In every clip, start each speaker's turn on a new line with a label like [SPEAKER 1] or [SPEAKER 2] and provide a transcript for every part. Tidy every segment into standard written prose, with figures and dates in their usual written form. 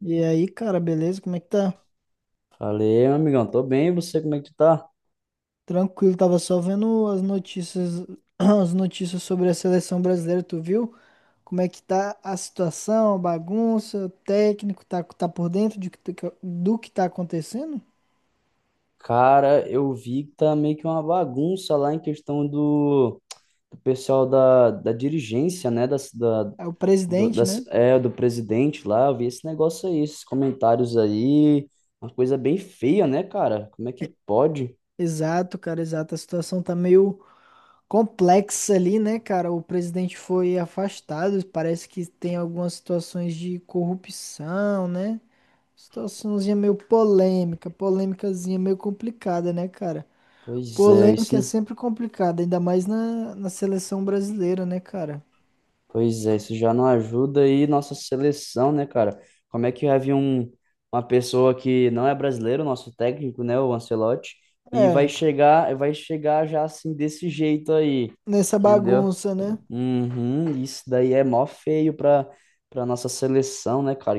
[SPEAKER 1] E aí, cara, beleza? Como é que tá?
[SPEAKER 2] Falei, meu amigão, tô bem, e você como é que tu tá?
[SPEAKER 1] Tranquilo, tava só vendo as notícias, as notícias sobre a seleção brasileira, tu viu? Como é que tá a situação, a bagunça, o técnico tá, tá por dentro do que tá acontecendo?
[SPEAKER 2] Cara, eu vi que tá meio que uma bagunça lá em questão do pessoal da dirigência, né? Das, da,
[SPEAKER 1] É o
[SPEAKER 2] do,
[SPEAKER 1] presidente,
[SPEAKER 2] das,
[SPEAKER 1] né?
[SPEAKER 2] é, do presidente lá. Eu vi esse negócio aí, esses comentários aí. Uma coisa bem feia, né, cara? Como é que pode?
[SPEAKER 1] Exato, cara, exato. A situação tá meio complexa ali, né, cara? O presidente foi afastado, parece que tem algumas situações de corrupção, né? Situaçãozinha meio polêmica, polêmicazinha meio complicada, né, cara?
[SPEAKER 2] Pois é,
[SPEAKER 1] Polêmica é
[SPEAKER 2] isso.
[SPEAKER 1] sempre complicada, ainda mais na seleção brasileira, né, cara?
[SPEAKER 2] Pois é, isso já não ajuda aí nossa seleção, né, cara? Como é que havia uma pessoa que não é brasileiro, nosso técnico, né, o Ancelotti, e
[SPEAKER 1] É,
[SPEAKER 2] vai chegar já assim desse jeito aí,
[SPEAKER 1] nessa
[SPEAKER 2] entendeu?
[SPEAKER 1] bagunça, né?
[SPEAKER 2] Uhum, isso daí é mó feio para nossa seleção, né, cara?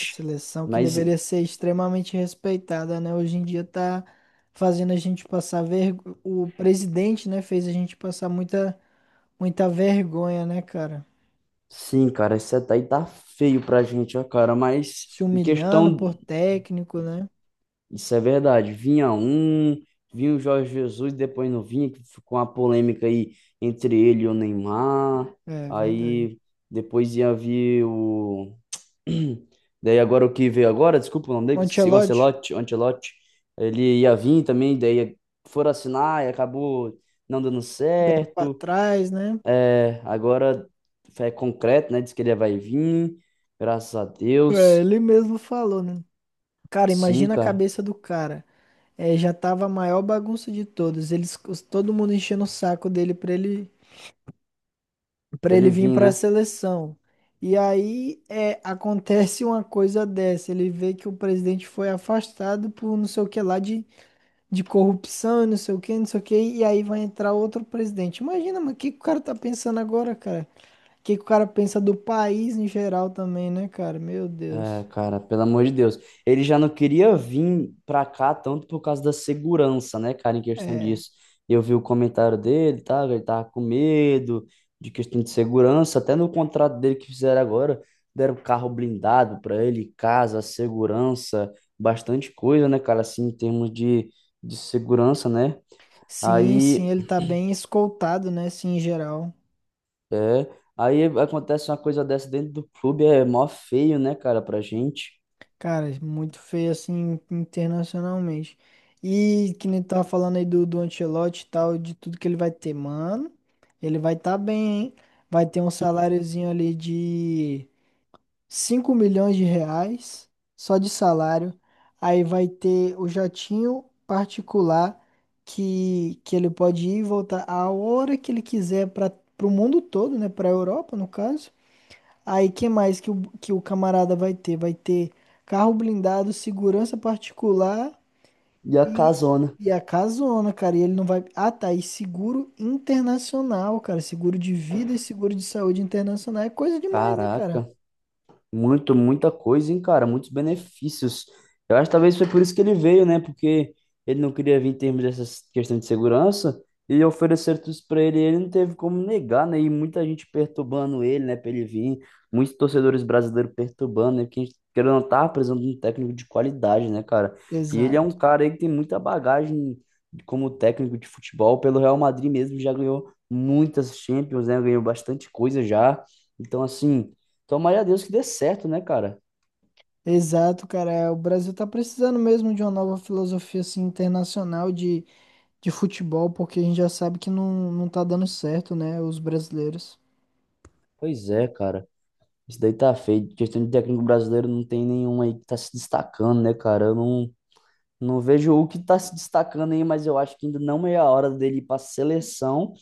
[SPEAKER 1] A seleção que
[SPEAKER 2] Mas
[SPEAKER 1] deveria ser extremamente respeitada, né? Hoje em dia tá fazendo a gente passar vergonha. O presidente, né, fez a gente passar muita, muita vergonha, né, cara?
[SPEAKER 2] sim, cara, isso daí tá feio pra gente, ó, cara, mas
[SPEAKER 1] Se
[SPEAKER 2] em
[SPEAKER 1] humilhando
[SPEAKER 2] questão.
[SPEAKER 1] por técnico, né?
[SPEAKER 2] Isso é verdade. Vinha vinha o Jorge Jesus, depois não vinha, que ficou uma polêmica aí entre ele e o Neymar.
[SPEAKER 1] É verdade.
[SPEAKER 2] Aí depois ia vir o. Daí agora o que veio agora, desculpa o nome dele,
[SPEAKER 1] O
[SPEAKER 2] que esqueci, o
[SPEAKER 1] Ancelotti
[SPEAKER 2] Ancelotti, o Ancelotti. Ele ia vir também, daí foram assinar e acabou não dando
[SPEAKER 1] pra
[SPEAKER 2] certo.
[SPEAKER 1] trás, né?
[SPEAKER 2] É, agora é concreto, né? Diz que ele vai vir, graças a
[SPEAKER 1] É,
[SPEAKER 2] Deus.
[SPEAKER 1] ele mesmo falou, né? Cara,
[SPEAKER 2] Sim,
[SPEAKER 1] imagina a
[SPEAKER 2] cara,
[SPEAKER 1] cabeça do cara. É, já tava a maior bagunça de todos. Eles, todo mundo enchendo o saco dele pra ele, para
[SPEAKER 2] pra
[SPEAKER 1] ele
[SPEAKER 2] ele
[SPEAKER 1] vir
[SPEAKER 2] vir,
[SPEAKER 1] pra
[SPEAKER 2] né?
[SPEAKER 1] seleção. E aí é, acontece uma coisa dessa. Ele vê que o presidente foi afastado por não sei o que lá de corrupção, e não sei o que, não sei o que. E aí vai entrar outro presidente. Imagina, mas o que que o cara tá pensando agora, cara? O que que o cara pensa do país em geral também, né, cara? Meu
[SPEAKER 2] É,
[SPEAKER 1] Deus.
[SPEAKER 2] cara, pelo amor de Deus. Ele já não queria vir pra cá tanto por causa da segurança, né, cara, em questão
[SPEAKER 1] É.
[SPEAKER 2] disso. Eu vi o comentário dele, tá? Ele tava com medo de questão de segurança. Até no contrato dele que fizeram agora, deram carro blindado pra ele, casa, segurança, bastante coisa, né, cara, assim, em termos de segurança, né?
[SPEAKER 1] Sim, sim,
[SPEAKER 2] Aí,
[SPEAKER 1] ele tá bem escoltado, né? Sim, em geral.
[SPEAKER 2] é, aí acontece uma coisa dessa dentro do clube, é mó feio, né, cara, pra gente.
[SPEAKER 1] Cara, muito feio assim internacionalmente. E que nem tu tava falando aí do Ancelotti e tal, de tudo que ele vai ter, mano. Ele vai tá bem, hein? Vai ter um saláriozinho ali de R$ 5 milhões, só de salário. Aí vai ter o jatinho particular que ele pode ir e voltar a hora que ele quiser para o mundo todo, né? Pra Europa, no caso. Aí, que mais que que o camarada vai ter? Vai ter carro blindado, segurança particular
[SPEAKER 2] E a
[SPEAKER 1] e,
[SPEAKER 2] casona.
[SPEAKER 1] e a casona, cara. E ele não vai. Ah, tá. E seguro internacional, cara. Seguro de vida e seguro de saúde internacional. É coisa demais, né, cara?
[SPEAKER 2] Caraca. Muito, muita coisa, hein, cara? Muitos benefícios. Eu acho que talvez foi por isso que ele veio, né? Porque ele não queria vir em termos dessa questão de segurança e ofereceram tudo isso pra ele e ele não teve como negar, né? E muita gente perturbando ele, né, pra ele vir. Muitos torcedores brasileiros perturbando, né? Porque a gente querendo ou não tá precisando de um técnico de qualidade, né, cara? E ele é um
[SPEAKER 1] Exato.
[SPEAKER 2] cara aí que tem muita bagagem como técnico de futebol. Pelo Real Madrid mesmo já ganhou muitas Champions, né? Ganhou bastante coisa já. Então, assim. Tomara a Deus que dê certo, né, cara?
[SPEAKER 1] Exato, cara. É, o Brasil tá precisando mesmo de uma nova filosofia assim, internacional de futebol, porque a gente já sabe que não, não tá dando certo, né? Os brasileiros.
[SPEAKER 2] Pois é, cara. Isso daí tá feio. Questão de técnico brasileiro, não tem nenhum aí que tá se destacando, né, cara? Eu não, não vejo o que tá se destacando aí, mas eu acho que ainda não é a hora dele ir pra seleção.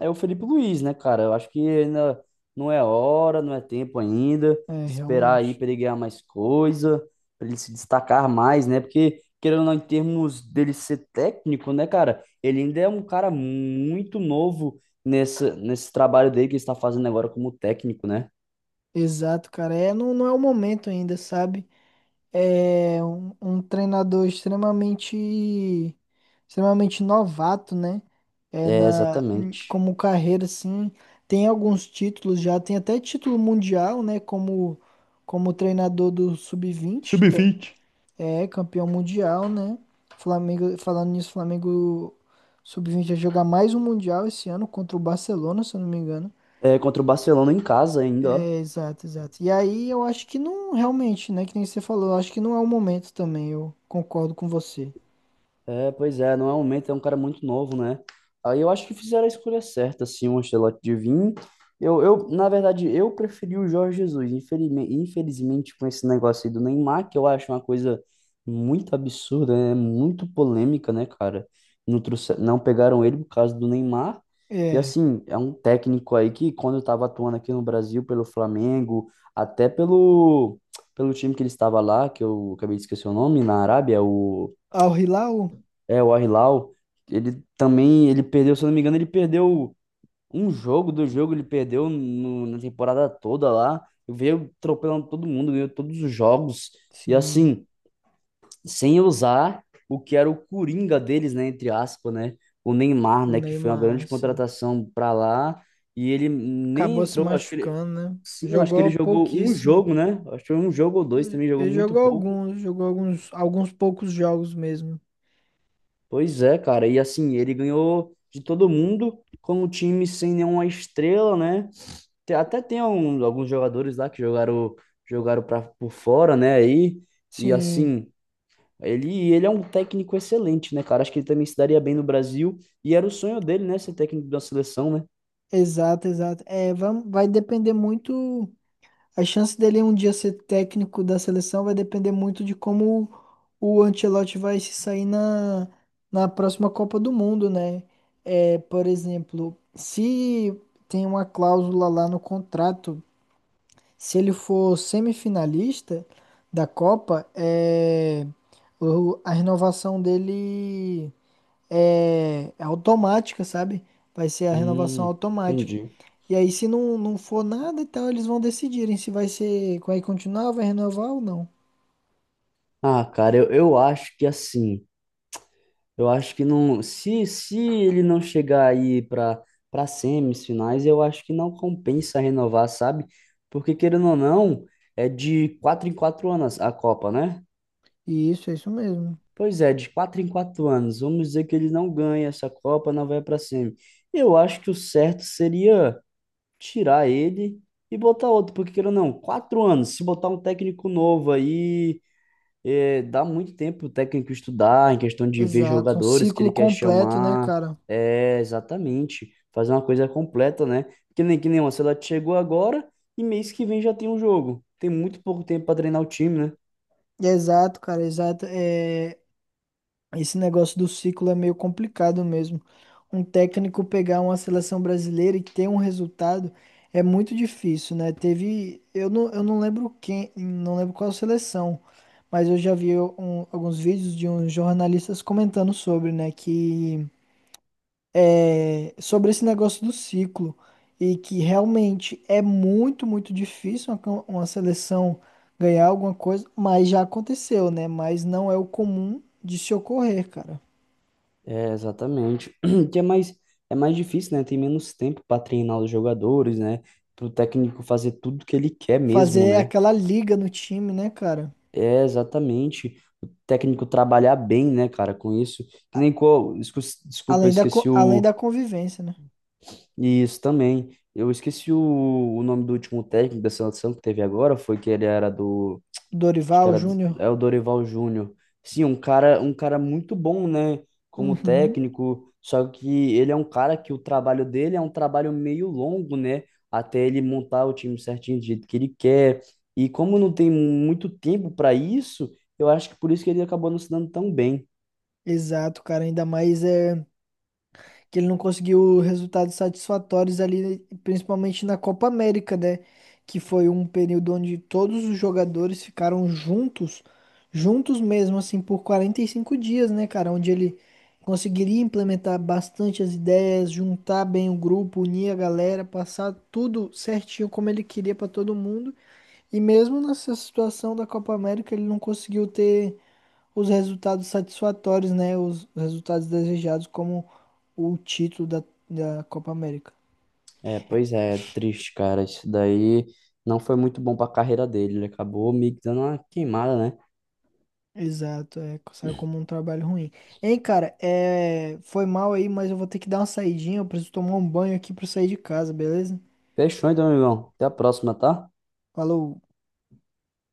[SPEAKER 2] É o Felipe Luiz, né, cara? Eu acho que ainda não é hora, não é tempo ainda.
[SPEAKER 1] É,
[SPEAKER 2] Esperar aí
[SPEAKER 1] realmente.
[SPEAKER 2] para ele ganhar mais coisa, para ele se destacar mais, né? Porque, querendo ou não, em termos dele ser técnico, né, cara? Ele ainda é um cara muito novo nesse trabalho dele que ele está fazendo agora como técnico, né?
[SPEAKER 1] Exato, cara. É, não, não é o momento ainda, sabe? É um treinador extremamente novato, né? É
[SPEAKER 2] É, exatamente.
[SPEAKER 1] como carreira assim, tem alguns títulos já, tem até título mundial, né, como treinador do sub-20
[SPEAKER 2] Sub-20.
[SPEAKER 1] é campeão mundial, né? Flamengo, falando nisso, Flamengo sub-20 vai jogar mais um mundial esse ano contra o Barcelona, se eu não me engano.
[SPEAKER 2] É, contra o Barcelona em casa ainda, ó.
[SPEAKER 1] É, exato, exato. E aí eu acho que não, realmente, né? Que nem você falou, eu acho que não é o momento também, eu concordo com você.
[SPEAKER 2] É, pois é, não é um momento, é um cara muito novo, né? Aí eu acho que fizeram a escolha certa, assim, o Ancelotti de vir. Na verdade, eu preferi o Jorge Jesus, infelizmente, infelizmente com esse negócio aí do Neymar, que eu acho uma coisa muito absurda, né? Muito polêmica, né, cara? Não, trouxe, não pegaram ele por causa do Neymar. E
[SPEAKER 1] É.
[SPEAKER 2] assim, é um técnico aí que quando eu tava atuando aqui no Brasil pelo Flamengo, até pelo time que ele estava lá, que eu acabei de esquecer o nome, na Arábia, o
[SPEAKER 1] Al Hilal?
[SPEAKER 2] é, o Al-Hilal, ele também, ele perdeu, se eu não me engano, ele perdeu um jogo, do jogo ele perdeu no- na temporada toda lá, veio atropelando todo mundo, ganhou todos os jogos, e
[SPEAKER 1] Sim.
[SPEAKER 2] assim, sem usar o que era o coringa deles, né, entre aspas, né, o Neymar,
[SPEAKER 1] O
[SPEAKER 2] né, que foi uma
[SPEAKER 1] Neymar,
[SPEAKER 2] grande
[SPEAKER 1] sim.
[SPEAKER 2] contratação pra lá, e ele nem
[SPEAKER 1] Acabou se
[SPEAKER 2] entrou, acho que ele,
[SPEAKER 1] machucando, né?
[SPEAKER 2] sim, eu acho que ele
[SPEAKER 1] Jogou
[SPEAKER 2] jogou um
[SPEAKER 1] pouquíssimo.
[SPEAKER 2] jogo, né, acho que foi um jogo ou dois também, jogou
[SPEAKER 1] Ele
[SPEAKER 2] muito pouco.
[SPEAKER 1] jogou alguns, alguns poucos jogos mesmo.
[SPEAKER 2] Pois é, cara. E assim, ele ganhou de todo mundo com um time sem nenhuma estrela, né? Te- Até tem um- alguns jogadores lá que jogaram, jogaram para por fora, né? Aí e
[SPEAKER 1] Sim,
[SPEAKER 2] assim, ele é um técnico excelente, né, cara? Acho que ele também se daria bem no Brasil e era o sonho dele, né, ser técnico da seleção, né?
[SPEAKER 1] exato, exato. É, vai, vai depender muito. A chance dele um dia ser técnico da seleção vai depender muito de como o Ancelotti vai se sair na próxima Copa do Mundo, né? É, por exemplo, se tem uma cláusula lá no contrato, se ele for semifinalista da Copa, é, a renovação dele é, é automática, sabe? Vai ser a renovação automática.
[SPEAKER 2] Entendi.
[SPEAKER 1] E aí, se não, não for nada e tal, eles vão decidirem se vai ser, vai continuar, vai renovar ou não.
[SPEAKER 2] Ah, cara, eu acho que assim. Eu acho que não. Se ele não chegar aí para semifinais, eu acho que não compensa renovar, sabe? Porque, querendo ou não, é de quatro em quatro anos a Copa, né?
[SPEAKER 1] E isso, é isso mesmo.
[SPEAKER 2] Pois é, de quatro em quatro anos. Vamos dizer que ele não ganha essa Copa, não vai para semi. Eu acho que o certo seria tirar ele e botar outro, porque, querendo ou não, quatro anos. Se botar um técnico novo aí. É, dá muito tempo o técnico estudar em questão de ver
[SPEAKER 1] Exato, um
[SPEAKER 2] jogadores que ele
[SPEAKER 1] ciclo
[SPEAKER 2] quer
[SPEAKER 1] completo, né,
[SPEAKER 2] chamar.
[SPEAKER 1] cara?
[SPEAKER 2] É, exatamente. Fazer uma coisa completa, né? Que nem uma, se ela chegou agora e mês que vem já tem um jogo. Tem muito pouco tempo para treinar o time, né?
[SPEAKER 1] Exato, cara, exato. É, esse negócio do ciclo é meio complicado mesmo. Um técnico pegar uma seleção brasileira e ter um resultado é muito difícil, né? Teve, eu não lembro quem, não lembro qual seleção, mas eu já vi alguns vídeos de uns jornalistas comentando sobre, né, sobre esse negócio do ciclo e que realmente é muito, muito difícil uma seleção ganhar alguma coisa, mas já aconteceu, né? Mas não é o comum de se ocorrer, cara.
[SPEAKER 2] É, exatamente. Que é mais difícil, né? Tem menos tempo para treinar os jogadores, né? Para o técnico fazer tudo que ele quer mesmo,
[SPEAKER 1] Fazer
[SPEAKER 2] né?
[SPEAKER 1] aquela liga no time, né, cara?
[SPEAKER 2] É, exatamente. O técnico trabalhar bem, né, cara, com isso. Que nem qual. Escu- Desculpa, eu
[SPEAKER 1] Além
[SPEAKER 2] esqueci
[SPEAKER 1] além da
[SPEAKER 2] o.
[SPEAKER 1] convivência, né?
[SPEAKER 2] Isso também. Eu esqueci o nome do último técnico da seleção que teve agora, foi que ele era do, acho que
[SPEAKER 1] Dorival
[SPEAKER 2] era do-
[SPEAKER 1] Júnior.
[SPEAKER 2] é o Dorival Júnior. Sim, um cara muito bom, né, como
[SPEAKER 1] Uhum.
[SPEAKER 2] técnico, só que ele é um cara que o trabalho dele é um trabalho meio longo, né, até ele montar o time certinho do jeito que ele quer. E como não tem muito tempo para isso, eu acho que por isso que ele acabou não se dando tão bem.
[SPEAKER 1] Exato, cara. Ainda mais é que ele não conseguiu resultados satisfatórios ali, principalmente na Copa América, né? Que foi um período onde todos os jogadores ficaram juntos, juntos mesmo, assim, por 45 dias, né, cara? Onde ele conseguiria implementar bastante as ideias, juntar bem o grupo, unir a galera, passar tudo certinho como ele queria pra todo mundo. E mesmo nessa situação da Copa América, ele não conseguiu ter os resultados satisfatórios, né? Os resultados desejados, como o título da Copa América.
[SPEAKER 2] É, pois é, triste, cara. Isso daí não foi muito bom pra carreira dele. Ele acabou meio que dando uma queimada, né?
[SPEAKER 1] Exato, é, saiu como um trabalho ruim. Hein, cara, é, foi mal aí, mas eu vou ter que dar uma saidinha. Eu preciso tomar um banho aqui pra sair de casa, beleza?
[SPEAKER 2] Fechou então, amigão. Até a próxima, tá?
[SPEAKER 1] Falou.